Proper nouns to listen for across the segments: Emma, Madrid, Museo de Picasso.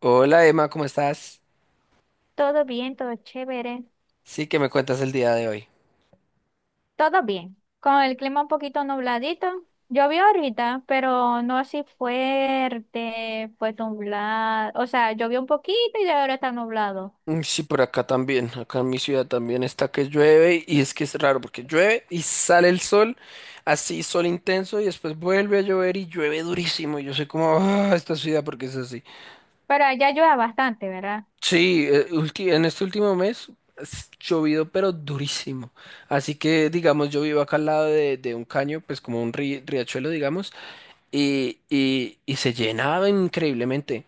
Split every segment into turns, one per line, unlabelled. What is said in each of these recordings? Hola Emma, ¿cómo estás?
Todo bien, todo chévere,
Sí, ¿que me cuentas el día de hoy?
todo bien. Con el clima un poquito nubladito. Llovió ahorita, pero no así fuerte, pues nublado. O sea, llovió un poquito y ahora está nublado.
Mm, sí, por acá también, acá en mi ciudad también está que llueve y es que es raro porque llueve y sale el sol, así sol intenso y después vuelve a llover y llueve durísimo. Yo soy como, ah, esta ciudad porque es así.
Pero allá llueve bastante, ¿verdad?
Sí, en este último mes es llovido pero durísimo. Así que digamos, yo vivo acá al lado de un caño, pues como un riachuelo, digamos, y se llenaba increíblemente.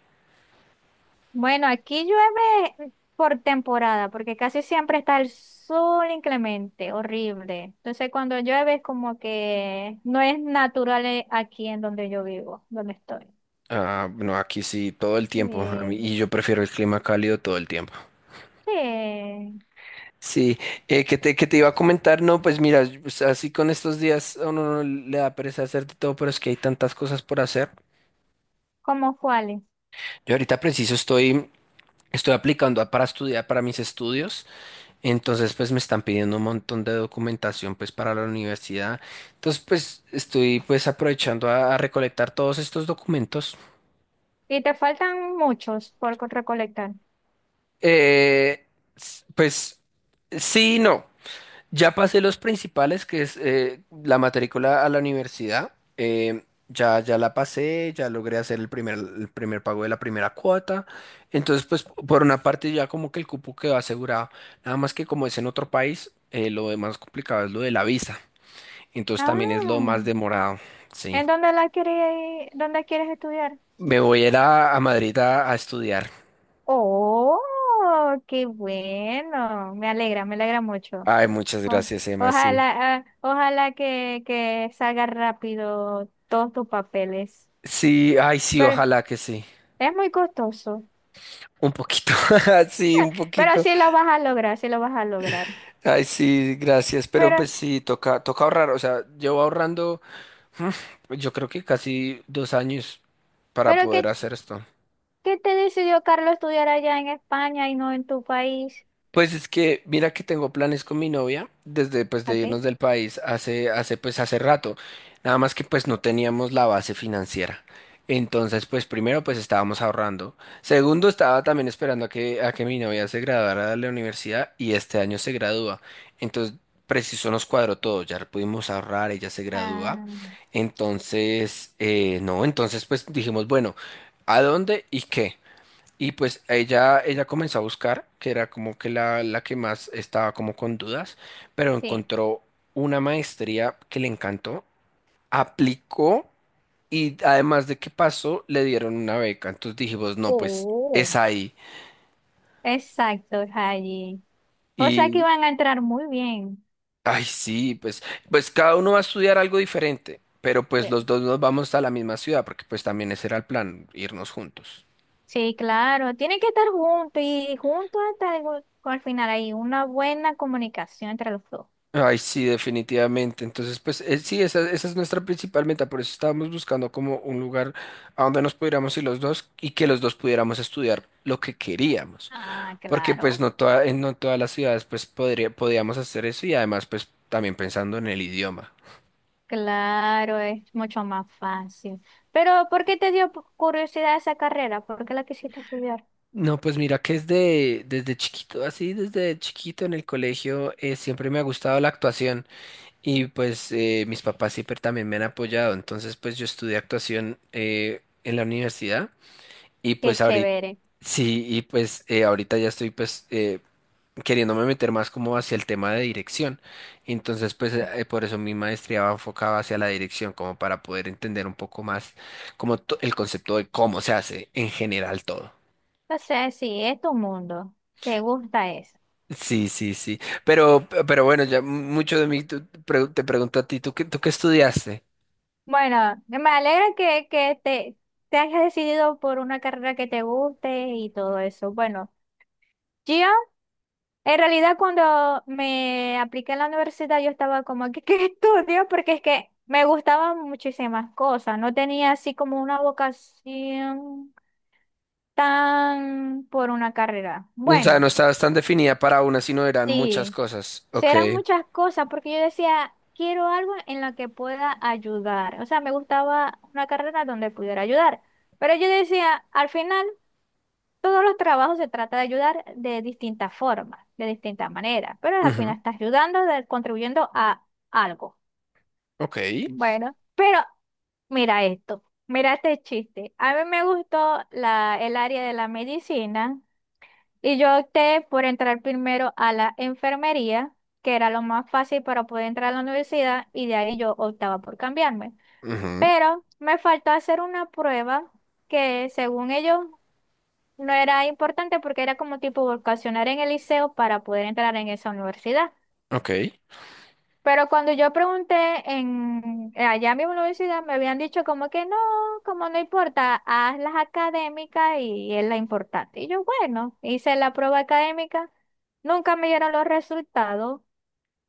Bueno, aquí llueve por temporada, porque casi siempre está el sol inclemente, horrible. Entonces, cuando llueve es como que no es natural aquí en donde yo vivo, donde estoy.
Ah, no, aquí sí, todo el tiempo. A mí,
Eh,
y yo prefiero el clima cálido todo el tiempo.
sí,
Sí, que te iba a comentar, no, pues mira, pues, así con estos días a uno no le da pereza hacer de todo, pero es que hay tantas cosas por hacer.
como cuáles.
Yo ahorita preciso estoy, estoy aplicando para estudiar para mis estudios, entonces pues me están pidiendo un montón de documentación pues para la universidad. Entonces pues estoy pues aprovechando a recolectar todos estos documentos.
Y te faltan muchos por recolectar.
Eh, pues sí, y no. Ya pasé los principales, que es la matrícula a la universidad. Ya la pasé, ya logré hacer el primer pago de la primera cuota. Entonces, pues por una parte ya como que el cupo quedó asegurado. Nada más que como es en otro país, lo de más complicado es lo de la visa. Entonces también es lo
Ah,
más demorado. Sí.
¿en dónde la quieres, dónde quieres estudiar?
Me voy a ir a Madrid a estudiar.
Oh, qué bueno. Me alegra mucho.
Ay, muchas
O-
gracias, Emma. Sí.
ojalá, ojalá que salga rápido todos tus papeles.
Sí, ay, sí,
Pero
ojalá que sí.
es muy costoso.
Un poquito. Sí,
Ah,
un
pero
poquito.
sí lo vas a lograr, sí lo vas a lograr.
Ay, sí, gracias, pero
Pero,
pues sí, toca ahorrar, o sea, llevo ahorrando, yo creo que casi dos años para
pero
poder
¿qué,
hacer esto.
qué te decidió Carlos estudiar allá en España y no en tu país?
Pues es que mira que tengo planes con mi novia desde pues de
Ok.
irnos del país hace pues hace rato. Nada más que pues no teníamos la base financiera. Entonces, pues primero pues estábamos ahorrando. Segundo, estaba también esperando a que mi novia se graduara de la universidad y este año se gradúa. Entonces, preciso nos cuadró todo, ya pudimos ahorrar, ella se gradúa.
Ah,
Entonces, no, entonces pues dijimos, bueno, ¿a dónde y qué? Y pues ella comenzó a buscar, que era como que la que más estaba como con dudas, pero
sí.
encontró una maestría que le encantó, aplicó y además de que pasó, le dieron una beca. Entonces dijimos, no, pues es
Oh.
ahí.
Exacto, Rayi. O sea que
Y,
van a entrar muy bien.
ay, sí, pues, pues cada uno va a estudiar algo diferente, pero pues
Sí,
los dos nos vamos a la misma ciudad, porque pues también ese era el plan, irnos juntos.
sí, claro. Tienen que estar juntos y juntos hasta el, al final hay una buena comunicación entre los dos.
Ay, sí, definitivamente. Entonces, pues sí, esa es nuestra principal meta. Por eso estábamos buscando como un lugar a donde nos pudiéramos ir los dos y que los dos pudiéramos estudiar lo que queríamos.
Ah,
Porque pues
claro.
no todas las ciudades pues podíamos hacer eso y además pues también pensando en el idioma.
Claro, es mucho más fácil. Pero, ¿por qué te dio curiosidad esa carrera? ¿Por qué la quisiste estudiar?
No, pues mira que desde chiquito, así desde chiquito en el colegio siempre me ha gustado la actuación y pues mis papás siempre también me han apoyado. Entonces pues yo estudié actuación en la universidad. Y
Qué
pues ahorita,
chévere.
sí, y pues ahorita ya estoy pues queriéndome meter más como hacia el tema de dirección. Entonces pues por eso mi maestría va enfocada hacia la dirección, como para poder entender un poco más como el concepto de cómo se hace en general todo.
O sea, sí, es tu mundo. Te gusta eso.
Sí, sí, sí. Pero bueno, ya mucho de mí te pregunto a ti, ¿tú qué estudiaste?
Bueno, me alegra que, que te hayas decidido por una carrera que te guste y todo eso. Bueno, yo en realidad cuando me apliqué a la universidad yo estaba como, que ¿qué estudio? Porque es que me gustaban muchísimas cosas. No tenía así como una vocación tan por una carrera.
O sea, no
Bueno.
estabas tan definida para una, sino eran muchas
Sí,
cosas. Ok.
serán muchas cosas porque yo decía, quiero algo en lo que pueda ayudar. O sea, me gustaba una carrera donde pudiera ayudar. Pero yo decía, al final, todos los trabajos se trata de ayudar de distintas formas, de distintas maneras. Pero al
Ujú.
final estás ayudando, contribuyendo a algo.
Ok.
Bueno, pero mira esto, mira este chiste. A mí me gustó la, el área de la medicina y yo opté por entrar primero a la enfermería, que era lo más fácil para poder entrar a la universidad, y de ahí yo optaba por cambiarme.
Ujú.
Pero me faltó hacer una prueba que según ellos no era importante porque era como tipo vocacionar en el liceo para poder entrar en esa universidad.
Ok.
Pero cuando yo pregunté en, allá mismo en la universidad, me habían dicho como que no, como no importa, haz las académicas y es la importante. Y yo, bueno, hice la prueba académica, nunca me dieron los resultados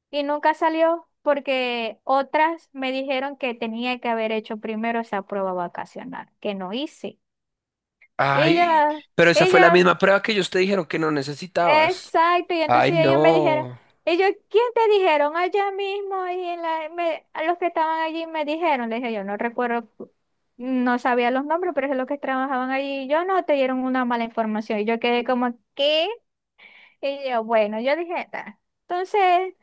y nunca salió porque otras me dijeron que tenía que haber hecho primero esa prueba vacacional, que no hice.
Ay,
Ella,
pero esa fue la
ella
misma prueba que ellos te dijeron que no necesitabas.
exacto, y
Ay,
entonces ellos me dijeron,
no.
ellos, ¿quién te dijeron allá mismo? Ahí en la, a los que estaban allí me dijeron, les dije, yo no recuerdo, no sabía los nombres, pero es los que trabajaban allí, y yo no te dieron una mala información, y yo quedé como, ¿qué? Y yo, bueno, yo dije, "Ta". Entonces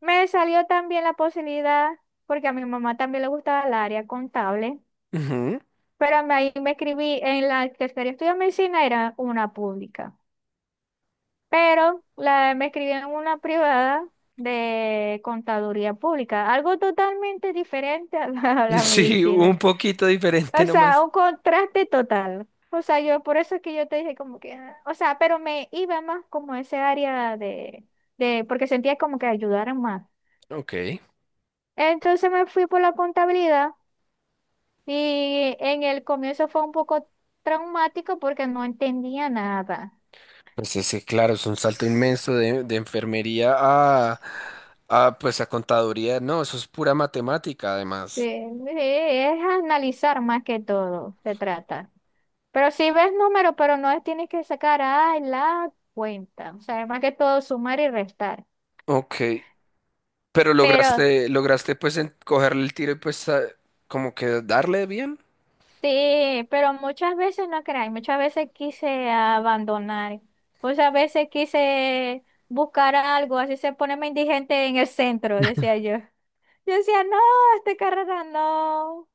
me salió también la posibilidad, porque a mi mamá también le gustaba el área contable,
Ujú.
pero ahí me escribí, en la que quería estudiar medicina era una pública. Pero la, me escribieron una privada de contaduría pública, algo totalmente diferente a la
Sí,
medicina.
un poquito diferente
O sea,
nomás.
un contraste total. O sea, yo por eso es que yo te dije como que, ah, o sea, pero me iba más como a ese área de, porque sentía como que ayudaran más.
Ok.
Entonces me fui por la contabilidad y en el comienzo fue un poco traumático porque no entendía nada.
Pues ese, claro, es un salto inmenso de enfermería pues a contaduría. No, eso es pura matemática,
Sí,
además.
sí, es analizar más que todo, se trata. Pero si ves número, pero no tienes que sacar ay, la cuenta. O sea, más que todo sumar y restar.
Ok. Pero
Pero
lograste pues cogerle el tiro y pues como que darle bien.
sí, pero muchas veces no creáis, muchas veces quise abandonar. Muchas veces quise buscar algo, así se ponerme indigente en el centro, decía yo. Yo decía, no, esta carrera no. O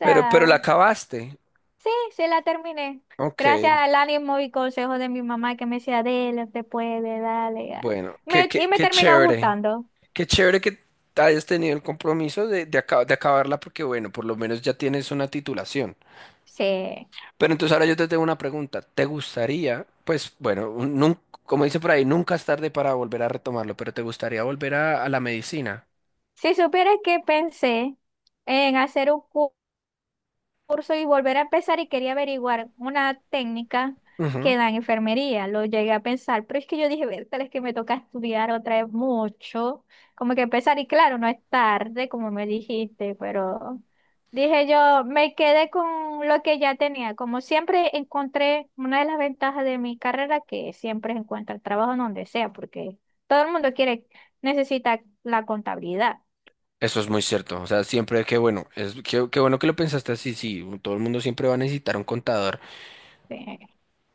Pero la acabaste.
sí, sí la terminé.
Ok.
Gracias al ánimo y consejo de mi mamá que me decía, dele, te puede, dale. Ah".
Bueno,
Y me
qué
terminó
chévere.
gustando.
Qué chévere que hayas tenido el compromiso de acabarla porque, bueno, por lo menos ya tienes una titulación.
Sí.
Pero entonces ahora yo te tengo una pregunta. ¿Te gustaría, pues, bueno, como dice por ahí, nunca es tarde para volver a retomarlo, pero ¿te gustaría volver a la medicina?
Si supieras que pensé en hacer un curso y volver a empezar y quería averiguar una técnica
Ujú.
que da en enfermería, lo llegué a pensar, pero es que yo dije, tal es que me toca estudiar otra vez mucho, como que empezar y claro, no es tarde, como me dijiste, pero dije yo, me quedé con lo que ya tenía, como siempre encontré una de las ventajas de mi carrera que siempre encuentra el trabajo en donde sea, porque todo el mundo quiere, necesita la contabilidad.
Eso es muy cierto. O sea, siempre que bueno, es que, bueno que lo pensaste así, sí, todo el mundo siempre va a necesitar un contador.
Sí,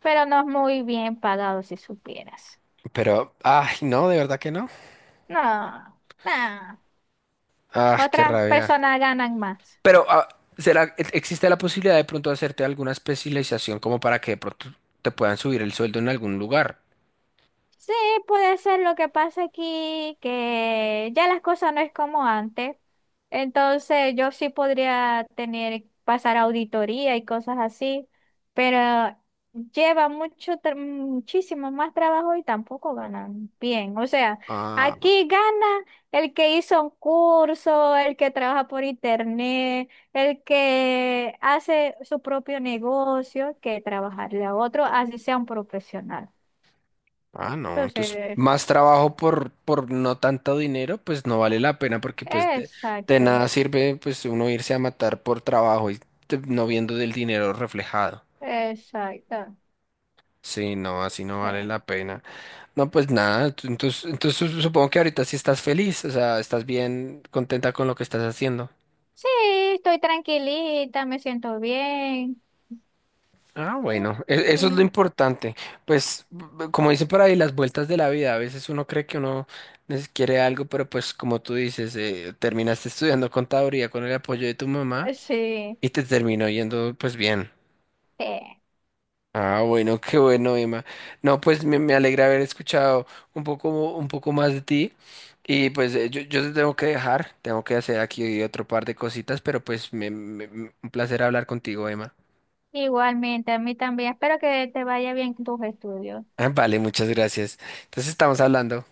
pero no es muy bien pagado si supieras.
Pero, ay, no, de verdad que no.
No, no.
Ah, qué
Otras
rabia.
personas ganan más.
Pero, ah, ¿Será, existe la posibilidad de pronto hacerte alguna especialización como para que de pronto te puedan subir el sueldo en algún lugar?
Sí, puede ser lo que pasa aquí, que ya las cosas no es como antes. Entonces yo sí podría tener, pasar auditoría y cosas así, pero lleva mucho, muchísimo más trabajo y tampoco ganan bien. O sea,
Ah,
aquí gana el que hizo un curso, el que trabaja por internet, el que hace su propio negocio, que trabajarle a otro, así sea un profesional.
ah, no. Entonces,
Entonces...
más trabajo por no tanto dinero, pues no vale la pena porque pues de
exacto,
nada sirve pues uno irse a matar por trabajo y no viendo del dinero reflejado.
exacto.
Sí, no, así no vale
Eh,
la pena. No, pues nada, entonces, entonces supongo que ahorita sí estás feliz, o sea, estás bien contenta con lo que estás haciendo.
sí, estoy tranquilita, me siento bien.
Ah, bueno, eso es lo
Sí,
importante. Pues, como dicen por ahí, las vueltas de la vida. A veces uno cree que uno quiere algo, pero pues como tú dices, terminaste estudiando contaduría con el apoyo de tu mamá
sí,
y te terminó yendo pues bien.
sí.
Ah, bueno, qué bueno, Emma. No, pues me alegra haber escuchado un poco, un poco más de ti. Y pues yo te tengo que dejar, tengo que hacer aquí otro par de cositas, pero pues un placer hablar contigo, Emma.
Igualmente, a mí también. Espero que te vaya bien con tus estudios.
Ah, vale, muchas gracias. Entonces estamos hablando.